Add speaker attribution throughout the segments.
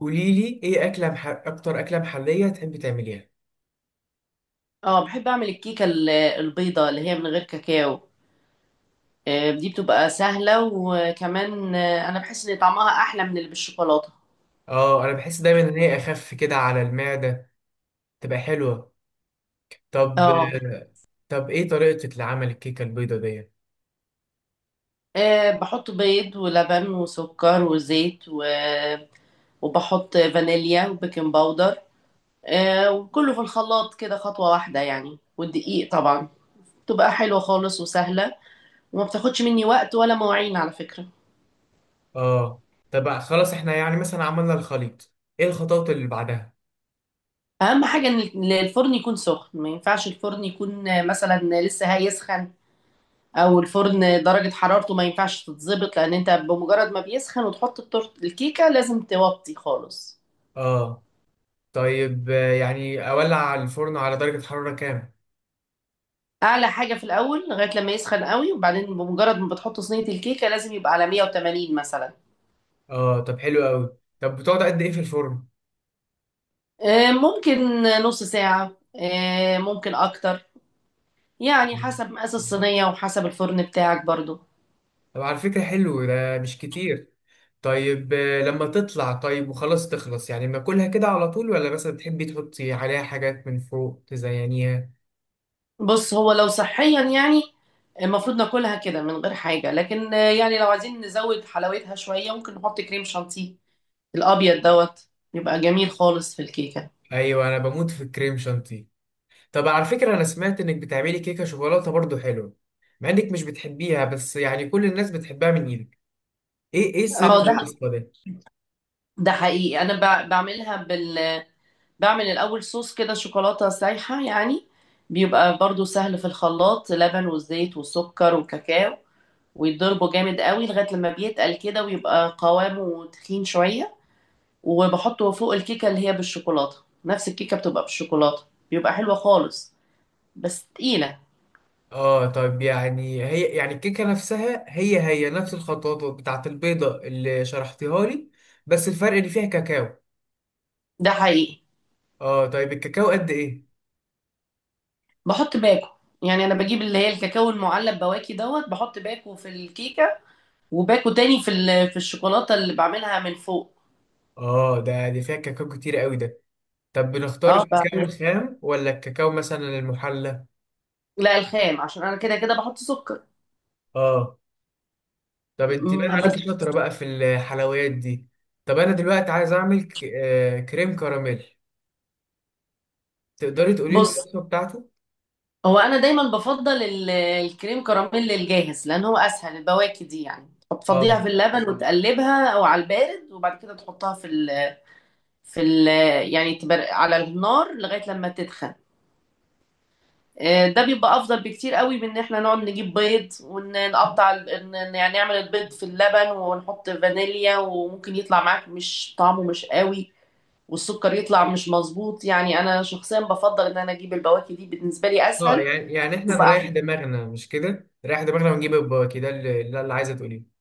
Speaker 1: قولي لي ايه اكتر اكله محليه تحبي تعمليها؟
Speaker 2: اه، بحب اعمل الكيكه البيضه اللي هي من غير كاكاو. دي بتبقى سهله وكمان انا بحس ان طعمها احلى من اللي بالشوكولاته.
Speaker 1: اه، انا بحس دايما ان هي اخف كده على المعده. تبقى حلوه. طب.
Speaker 2: اه.
Speaker 1: طب، ايه طريقتك لعمل الكيكه البيضه دي؟
Speaker 2: بحط بيض ولبن وسكر وزيت وبحط فانيليا وبيكنج باودر. وكله في الخلاط كده خطوه واحده يعني، والدقيق طبعا. بتبقى حلوه خالص وسهله، وما بتاخدش مني وقت ولا مواعين على فكره.
Speaker 1: اه، طب خلاص، احنا يعني مثلا عملنا الخليط. ايه الخطوات اللي بعدها؟
Speaker 2: اهم حاجه ان الفرن يكون سخن، ما ينفعش الفرن يكون مثلا لسه هيسخن او الفرن درجة حرارته ما ينفعش تتظبط، لان انت بمجرد ما بيسخن وتحط الكيكة لازم توطي خالص.
Speaker 1: اه طيب، يعني اولع الفرن على درجه حراره كام؟
Speaker 2: اعلى حاجة في الاول لغاية لما يسخن قوي، وبعدين بمجرد ما بتحط صينية الكيكة لازم يبقى على 180 مثلا.
Speaker 1: اه، طب حلو قوي. طب بتقعد قد ايه في الفرن؟
Speaker 2: ممكن نص ساعة، ممكن اكتر. يعني حسب مقاس الصينية وحسب الفرن بتاعك برضو.
Speaker 1: طب على فكره، حلو ده مش كتير. طيب، لما تطلع طيب وخلاص تخلص، يعني باكلها كده على طول، ولا مثلا بتحبي تحطي عليها حاجات من فوق تزينيها؟
Speaker 2: بص، هو لو صحيا يعني المفروض ناكلها كده من غير حاجة، لكن يعني لو عايزين نزود حلاوتها شوية ممكن نحط كريم شانتيه. الابيض دوت بيبقى جميل خالص في الكيكه.
Speaker 1: ايوه، انا بموت في الكريم شانتي. طب على فكرة، انا سمعت انك بتعملي كيكة شوكولاتة برضو حلوة، مع انك مش بتحبيها، بس يعني كل الناس بتحبها من ايدك. ايه ايه سر
Speaker 2: اه. ده
Speaker 1: الوصفة ده؟
Speaker 2: ده حقيقي. انا بعمل الاول صوص كده شوكولاته سايحه يعني. بيبقى برضو سهل في الخلاط، لبن والزيت والسكر والكاكاو، ويتضربه جامد قوي لغايه لما بيتقل كده ويبقى قوامه تخين شويه، وبحطه فوق الكيكه اللي هي بالشوكولاته. نفس الكيكه بتبقى بالشوكولاته. بيبقى حلوه خالص، بس تقيله.
Speaker 1: اه طيب، يعني هي يعني الكيكة نفسها، هي نفس الخطوات بتاعت البيضة اللي شرحتيها لي، بس الفرق اللي فيها كاكاو.
Speaker 2: ده حقيقي.
Speaker 1: اه طيب، الكاكاو قد ايه؟
Speaker 2: بحط باكو. يعني انا بجيب اللي هي الكاكاو المعلب بواكي دوت، بحط باكو في الكيكه وباكو تاني في في الشوكولاته اللي بعملها من فوق.
Speaker 1: اه، ده دي فيها كاكاو كتير قوي ده. طب بنختار
Speaker 2: اه
Speaker 1: الكاكاو الخام ولا الكاكاو مثلا المحلى؟
Speaker 2: لا، الخام، عشان انا كده كده بحط سكر.
Speaker 1: اه، طب انت بان
Speaker 2: هبدأ.
Speaker 1: عليكي شاطره بقى في الحلويات دي. طب انا دلوقتي عايز اعمل كريم كراميل. تقدري تقولي لي
Speaker 2: بص،
Speaker 1: الوصفه بتاعته؟
Speaker 2: هو انا دايما بفضل الكريم كراميل الجاهز، لان هو اسهل. البواكي دي يعني بتفضيها
Speaker 1: اه.
Speaker 2: في اللبن وتقلبها او على البارد، وبعد كده تحطها في ال في ال يعني على النار لغايه لما تدخن. ده بيبقى افضل بكتير قوي من ان احنا نقعد نجيب بيض ونقطع ال- إن- إن يعني نعمل البيض في اللبن ونحط فانيليا، وممكن يطلع معاك مش طعمه مش قوي والسكر يطلع مش مظبوط. يعني انا شخصيا بفضل ان انا اجيب البواكي، دي بالنسبه لي
Speaker 1: اه،
Speaker 2: اسهل.
Speaker 1: يعني احنا
Speaker 2: تبقى
Speaker 1: نريح
Speaker 2: احلى.
Speaker 1: دماغنا، مش كده؟ نريح دماغنا ونجيب البواكي، ده اللي عايزه تقوليه.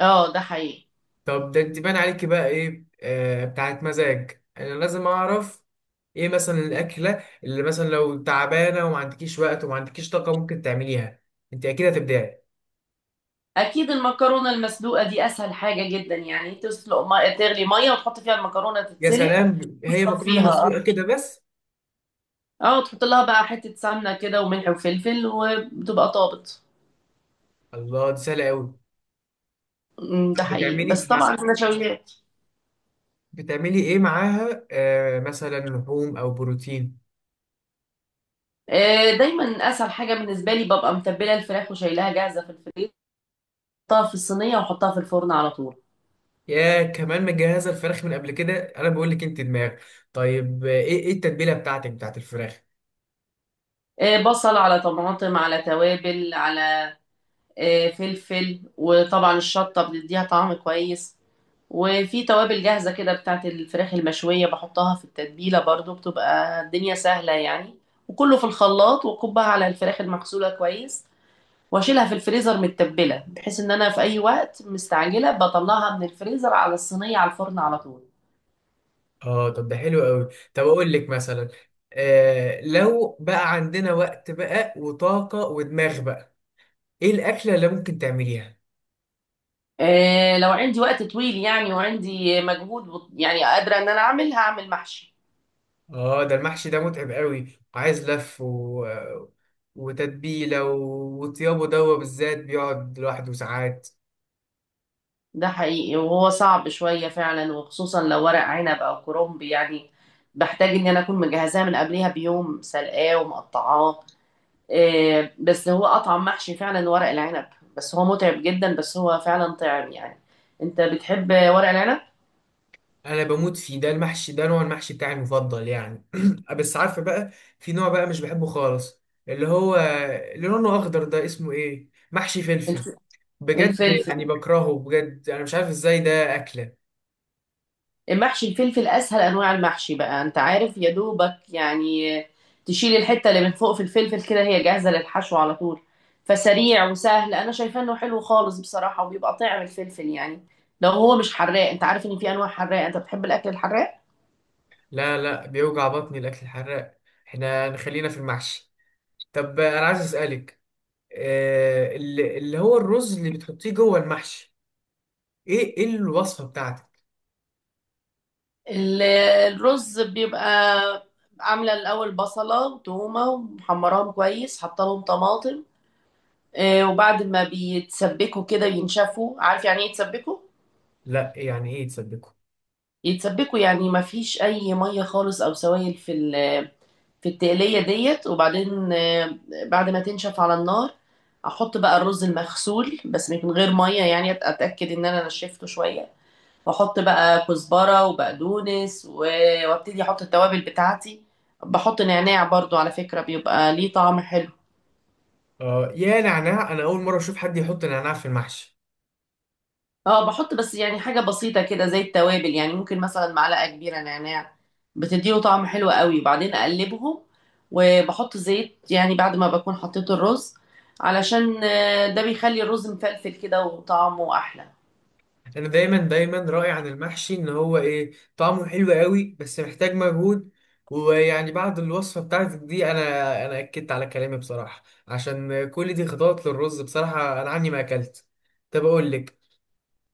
Speaker 2: اه، ده حقيقي.
Speaker 1: طب ده انت بان عليكي بقى ايه بتاعت مزاج، انا لازم اعرف. ايه مثلا الاكله اللي مثلا لو تعبانه وما عندكيش وقت وما عندكيش طاقه ممكن تعمليها؟ انت اكيد هتبدعي.
Speaker 2: اكيد المكرونه المسلوقه دي اسهل حاجه جدا. يعني تسلق ما... تغلي ميه وتحط فيها المكرونه
Speaker 1: يا
Speaker 2: تتسلق
Speaker 1: سلام، هي مكرونه
Speaker 2: وتصفيها.
Speaker 1: مسلوقه كده بس؟
Speaker 2: اه، تحط لها بقى حته سمنه كده وملح وفلفل، وبتبقى طابت.
Speaker 1: الله، دي سهله قوي.
Speaker 2: ده حقيقي. بس
Speaker 1: بتعملي
Speaker 2: بس
Speaker 1: مع...
Speaker 2: طبعا النشويات.
Speaker 1: بتعملي ايه معاها، مثلا لحوم او بروتين؟
Speaker 2: دايما. اسهل حاجه بالنسبه لي ببقى متبله الفراخ وشايلاها جاهزه في الفريزر، احطها في الصينيه واحطها في الفرن على طول.
Speaker 1: يا، كمان مجهزه الفراخ من قبل كده، انا بقول لك انت دماغ. طيب، ايه ايه التتبيله بتاعتك بتاعت الفراخ؟
Speaker 2: بصل على طماطم على توابل على فلفل، وطبعا الشطه بتديها طعم كويس، وفي توابل جاهزه كده بتاعت الفراخ المشويه بحطها في التتبيله برضو، بتبقى الدنيا سهله يعني. وكله في الخلاط وكبها على الفراخ المغسوله كويس، واشيلها في الفريزر متبله بحيث ان انا في اي وقت مستعجله بطلعها من الفريزر على الصينيه على الفرن على طول.
Speaker 1: اه، طب ده حلو قوي. طب اقول لك مثلا، لو بقى عندنا وقت بقى وطاقه ودماغ بقى، ايه الاكله اللي ممكن تعمليها؟
Speaker 2: إيه، لو عندي وقت طويل يعني وعندي مجهود يعني قادره ان انا اعمل، هعمل محشي.
Speaker 1: اه، ده المحشي ده متعب قوي، وعايز لف وتتبيله وطيابه، دوا بالذات بيقعد لوحده ساعات.
Speaker 2: ده حقيقي، وهو صعب شويه فعلا، وخصوصا لو ورق عنب او كرنب يعني، بحتاج ان انا اكون مجهزاه من قبلها بيوم، سلقاه ومقطعاه. إيه، بس هو اطعم محشي فعلا ورق العنب. بس هو متعب جدا، بس هو فعلا طعم يعني. انت بتحب ورق العنب؟
Speaker 1: انا بموت فيه، ده المحشي ده نوع المحشي بتاعي المفضل يعني. بس عارفه بقى، في نوع بقى مش بحبه خالص، اللي هو اللي لونه اخضر ده، اسمه ايه؟ محشي فلفل؟
Speaker 2: الف-
Speaker 1: بجد؟
Speaker 2: الفلفل.
Speaker 1: يعني بكرهه بجد، انا مش عارف ازاي ده اكله.
Speaker 2: محشي الفلفل اسهل انواع المحشي بقى، انت عارف، يا دوبك يعني تشيل الحته اللي من فوق في الفلفل كده، هي جاهزه للحشو على طول، فسريع وسهل. انا شايفاه انه حلو خالص بصراحه، وبيبقى طعم الفلفل يعني لو هو مش حراق. انت عارف ان في انواع حراق؟ انت بتحب الاكل الحراق؟
Speaker 1: لا، لا، بيوجع بطني الاكل الحراق. احنا نخلينا في المحشي. طب انا عايز اسالك، اللي هو الرز اللي بتحطيه جوه المحشي، ايه ايه الوصفه بتاعتك؟
Speaker 2: ال- الرز بيبقى عامله الاول بصله وتومه، ومحمراهم كويس، حاطه لهم طماطم. وبعد ما بيتسبكوا كده، ينشفوا. عارف يعني ايه يتسبكوا؟
Speaker 1: لا، يعني ايه تصدقوا؟
Speaker 2: يتسبكوا يعني ما فيش اي ميه خالص او سوائل في في التقليه ديت. وبعدين بعد ما تنشف على النار احط بقى الرز المغسول، بس من غير ميه يعني، اتاكد ان انا نشفته شويه، واحط بقى كزبره وبقدونس، وابتدي احط التوابل بتاعتي. بحط نعناع برضو على فكره، بيبقى ليه طعم حلو.
Speaker 1: يا نعناع، انا اول مره اشوف حد يحط نعناع في المحشي.
Speaker 2: اه، بحط بس يعني حاجة بسيطة كده زي التوابل، يعني ممكن مثلا معلقة كبيرة نعناع، بتديله طعم حلو قوي. وبعدين اقلبهم، وبحط زيت يعني بعد ما بكون حطيت الرز، علشان ده بيخلي الرز مفلفل كده وطعمه احلى.
Speaker 1: انا دايما دايما راي عن المحشي ان هو ايه؟ طعمه حلو قوي بس محتاج مجهود. ويعني بعد الوصفه بتاعتك دي انا اكدت على كلامي بصراحه، عشان كل دي خطوات للرز. بصراحه انا عني ما اكلت. طب اقول لك،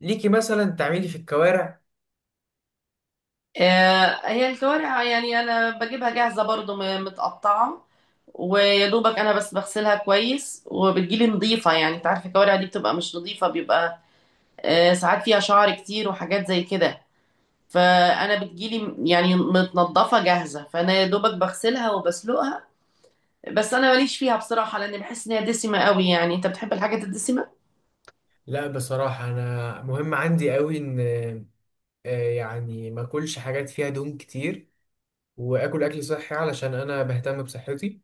Speaker 1: ليكي مثلا تعملي في الكوارع؟
Speaker 2: هي الكوارع يعني انا بجيبها جاهزة برضو متقطعة، ويا دوبك انا بس بغسلها كويس وبتجيلي نظيفة. يعني انت عارفة الكوارع دي بتبقى مش نظيفة، بيبقى ساعات فيها شعر كتير وحاجات زي كده، فانا بتجيلي يعني متنضفه جاهزه، فانا يا دوبك بغسلها وبسلقها. بس انا ماليش فيها بصراحه، لان بحس ان هي دسمه قوي. يعني انت بتحب الحاجات الدسمه؟
Speaker 1: لا بصراحه، انا مهم عندي قوي ان يعني ما اكلش حاجات فيها دهون كتير، واكل اكل صحي علشان انا بهتم بصحتي.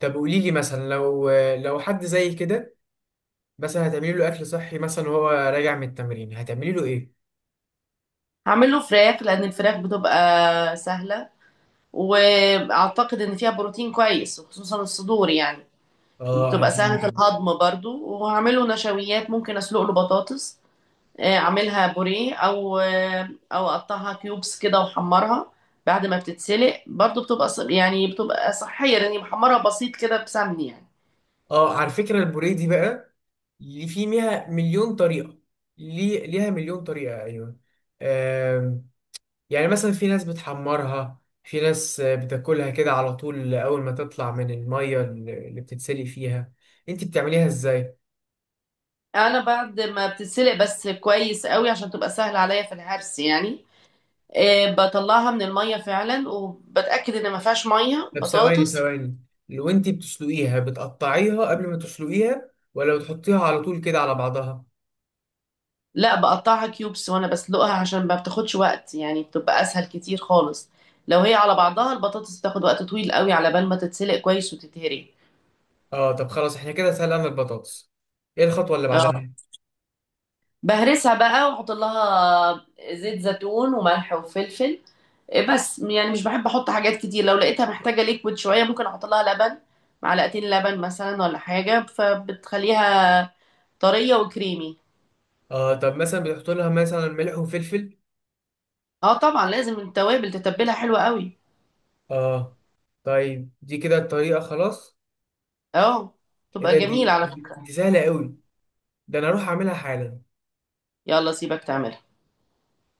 Speaker 1: طب قولي لي، مثلا لو حد زي كده، مثلا هتعملي له اكل صحي، مثلا وهو راجع من التمرين، هتعملي له ايه؟
Speaker 2: هعمل له فراخ، لان الفراخ بتبقى سهله، واعتقد ان فيها بروتين كويس وخصوصا الصدور يعني،
Speaker 1: اه.
Speaker 2: وبتبقى سهله الهضم برضو. وهعمله نشويات، ممكن اسلق له بطاطس، اعملها بوريه او او اقطعها كيوبس كده واحمرها بعد ما بتتسلق برضو، بتبقى يعني بتبقى صحية لاني محمرة بسيط كده بسمن يعني.
Speaker 1: اه، على فكرة البوريه دي بقى، اللي في ميها مليون طريقة. ليه ليها مليون طريقة؟ ايوه. آم، يعني مثلا في ناس بتحمرها، في ناس بتاكلها كده على طول اول ما تطلع من المية اللي بتتسلق فيها. انت بتعمليها ازاي؟
Speaker 2: انا بعد ما بتتسلق بس كويس قوي عشان تبقى سهلة عليا في الهرس يعني، بطلعها من المية فعلا، وبتأكد ان ما فيهاش مية
Speaker 1: طب، ثواني
Speaker 2: بطاطس.
Speaker 1: ثواني. لو انت بتسلقيها، بتقطعيها قبل ما تسلقيها، ولا بتحطيها على طول كده على بعضها؟
Speaker 2: لا، بقطعها كيوبس وانا بسلقها عشان ما بتاخدش وقت، يعني بتبقى اسهل كتير خالص. لو هي على بعضها البطاطس بتاخد وقت طويل قوي على بال ما تتسلق كويس وتتهري.
Speaker 1: اه، طب خلاص احنا كده سلقنا البطاطس. ايه الخطوة اللي
Speaker 2: اه،
Speaker 1: بعدها؟
Speaker 2: بهرسها بقى واحط لها زيت زيتون وملح وفلفل. إيه، بس يعني مش بحب احط حاجات كتير. لو لقيتها محتاجه ليكويد شويه ممكن احط لها لبن، معلقتين لبن مثلا ولا حاجه، فبتخليها طريه وكريمي.
Speaker 1: اه، طب مثلا بتحط لها مثلا ملح وفلفل.
Speaker 2: اه، طبعا لازم التوابل تتبلها حلوه قوي.
Speaker 1: اه طيب، دي كده الطريقة خلاص؟
Speaker 2: اه،
Speaker 1: ايه
Speaker 2: تبقى
Speaker 1: ده،
Speaker 2: جميله
Speaker 1: دي
Speaker 2: على
Speaker 1: دي
Speaker 2: فكره.
Speaker 1: دي سهلة قوي. ده انا اروح اعملها حالا.
Speaker 2: يلا سيبك تعمل.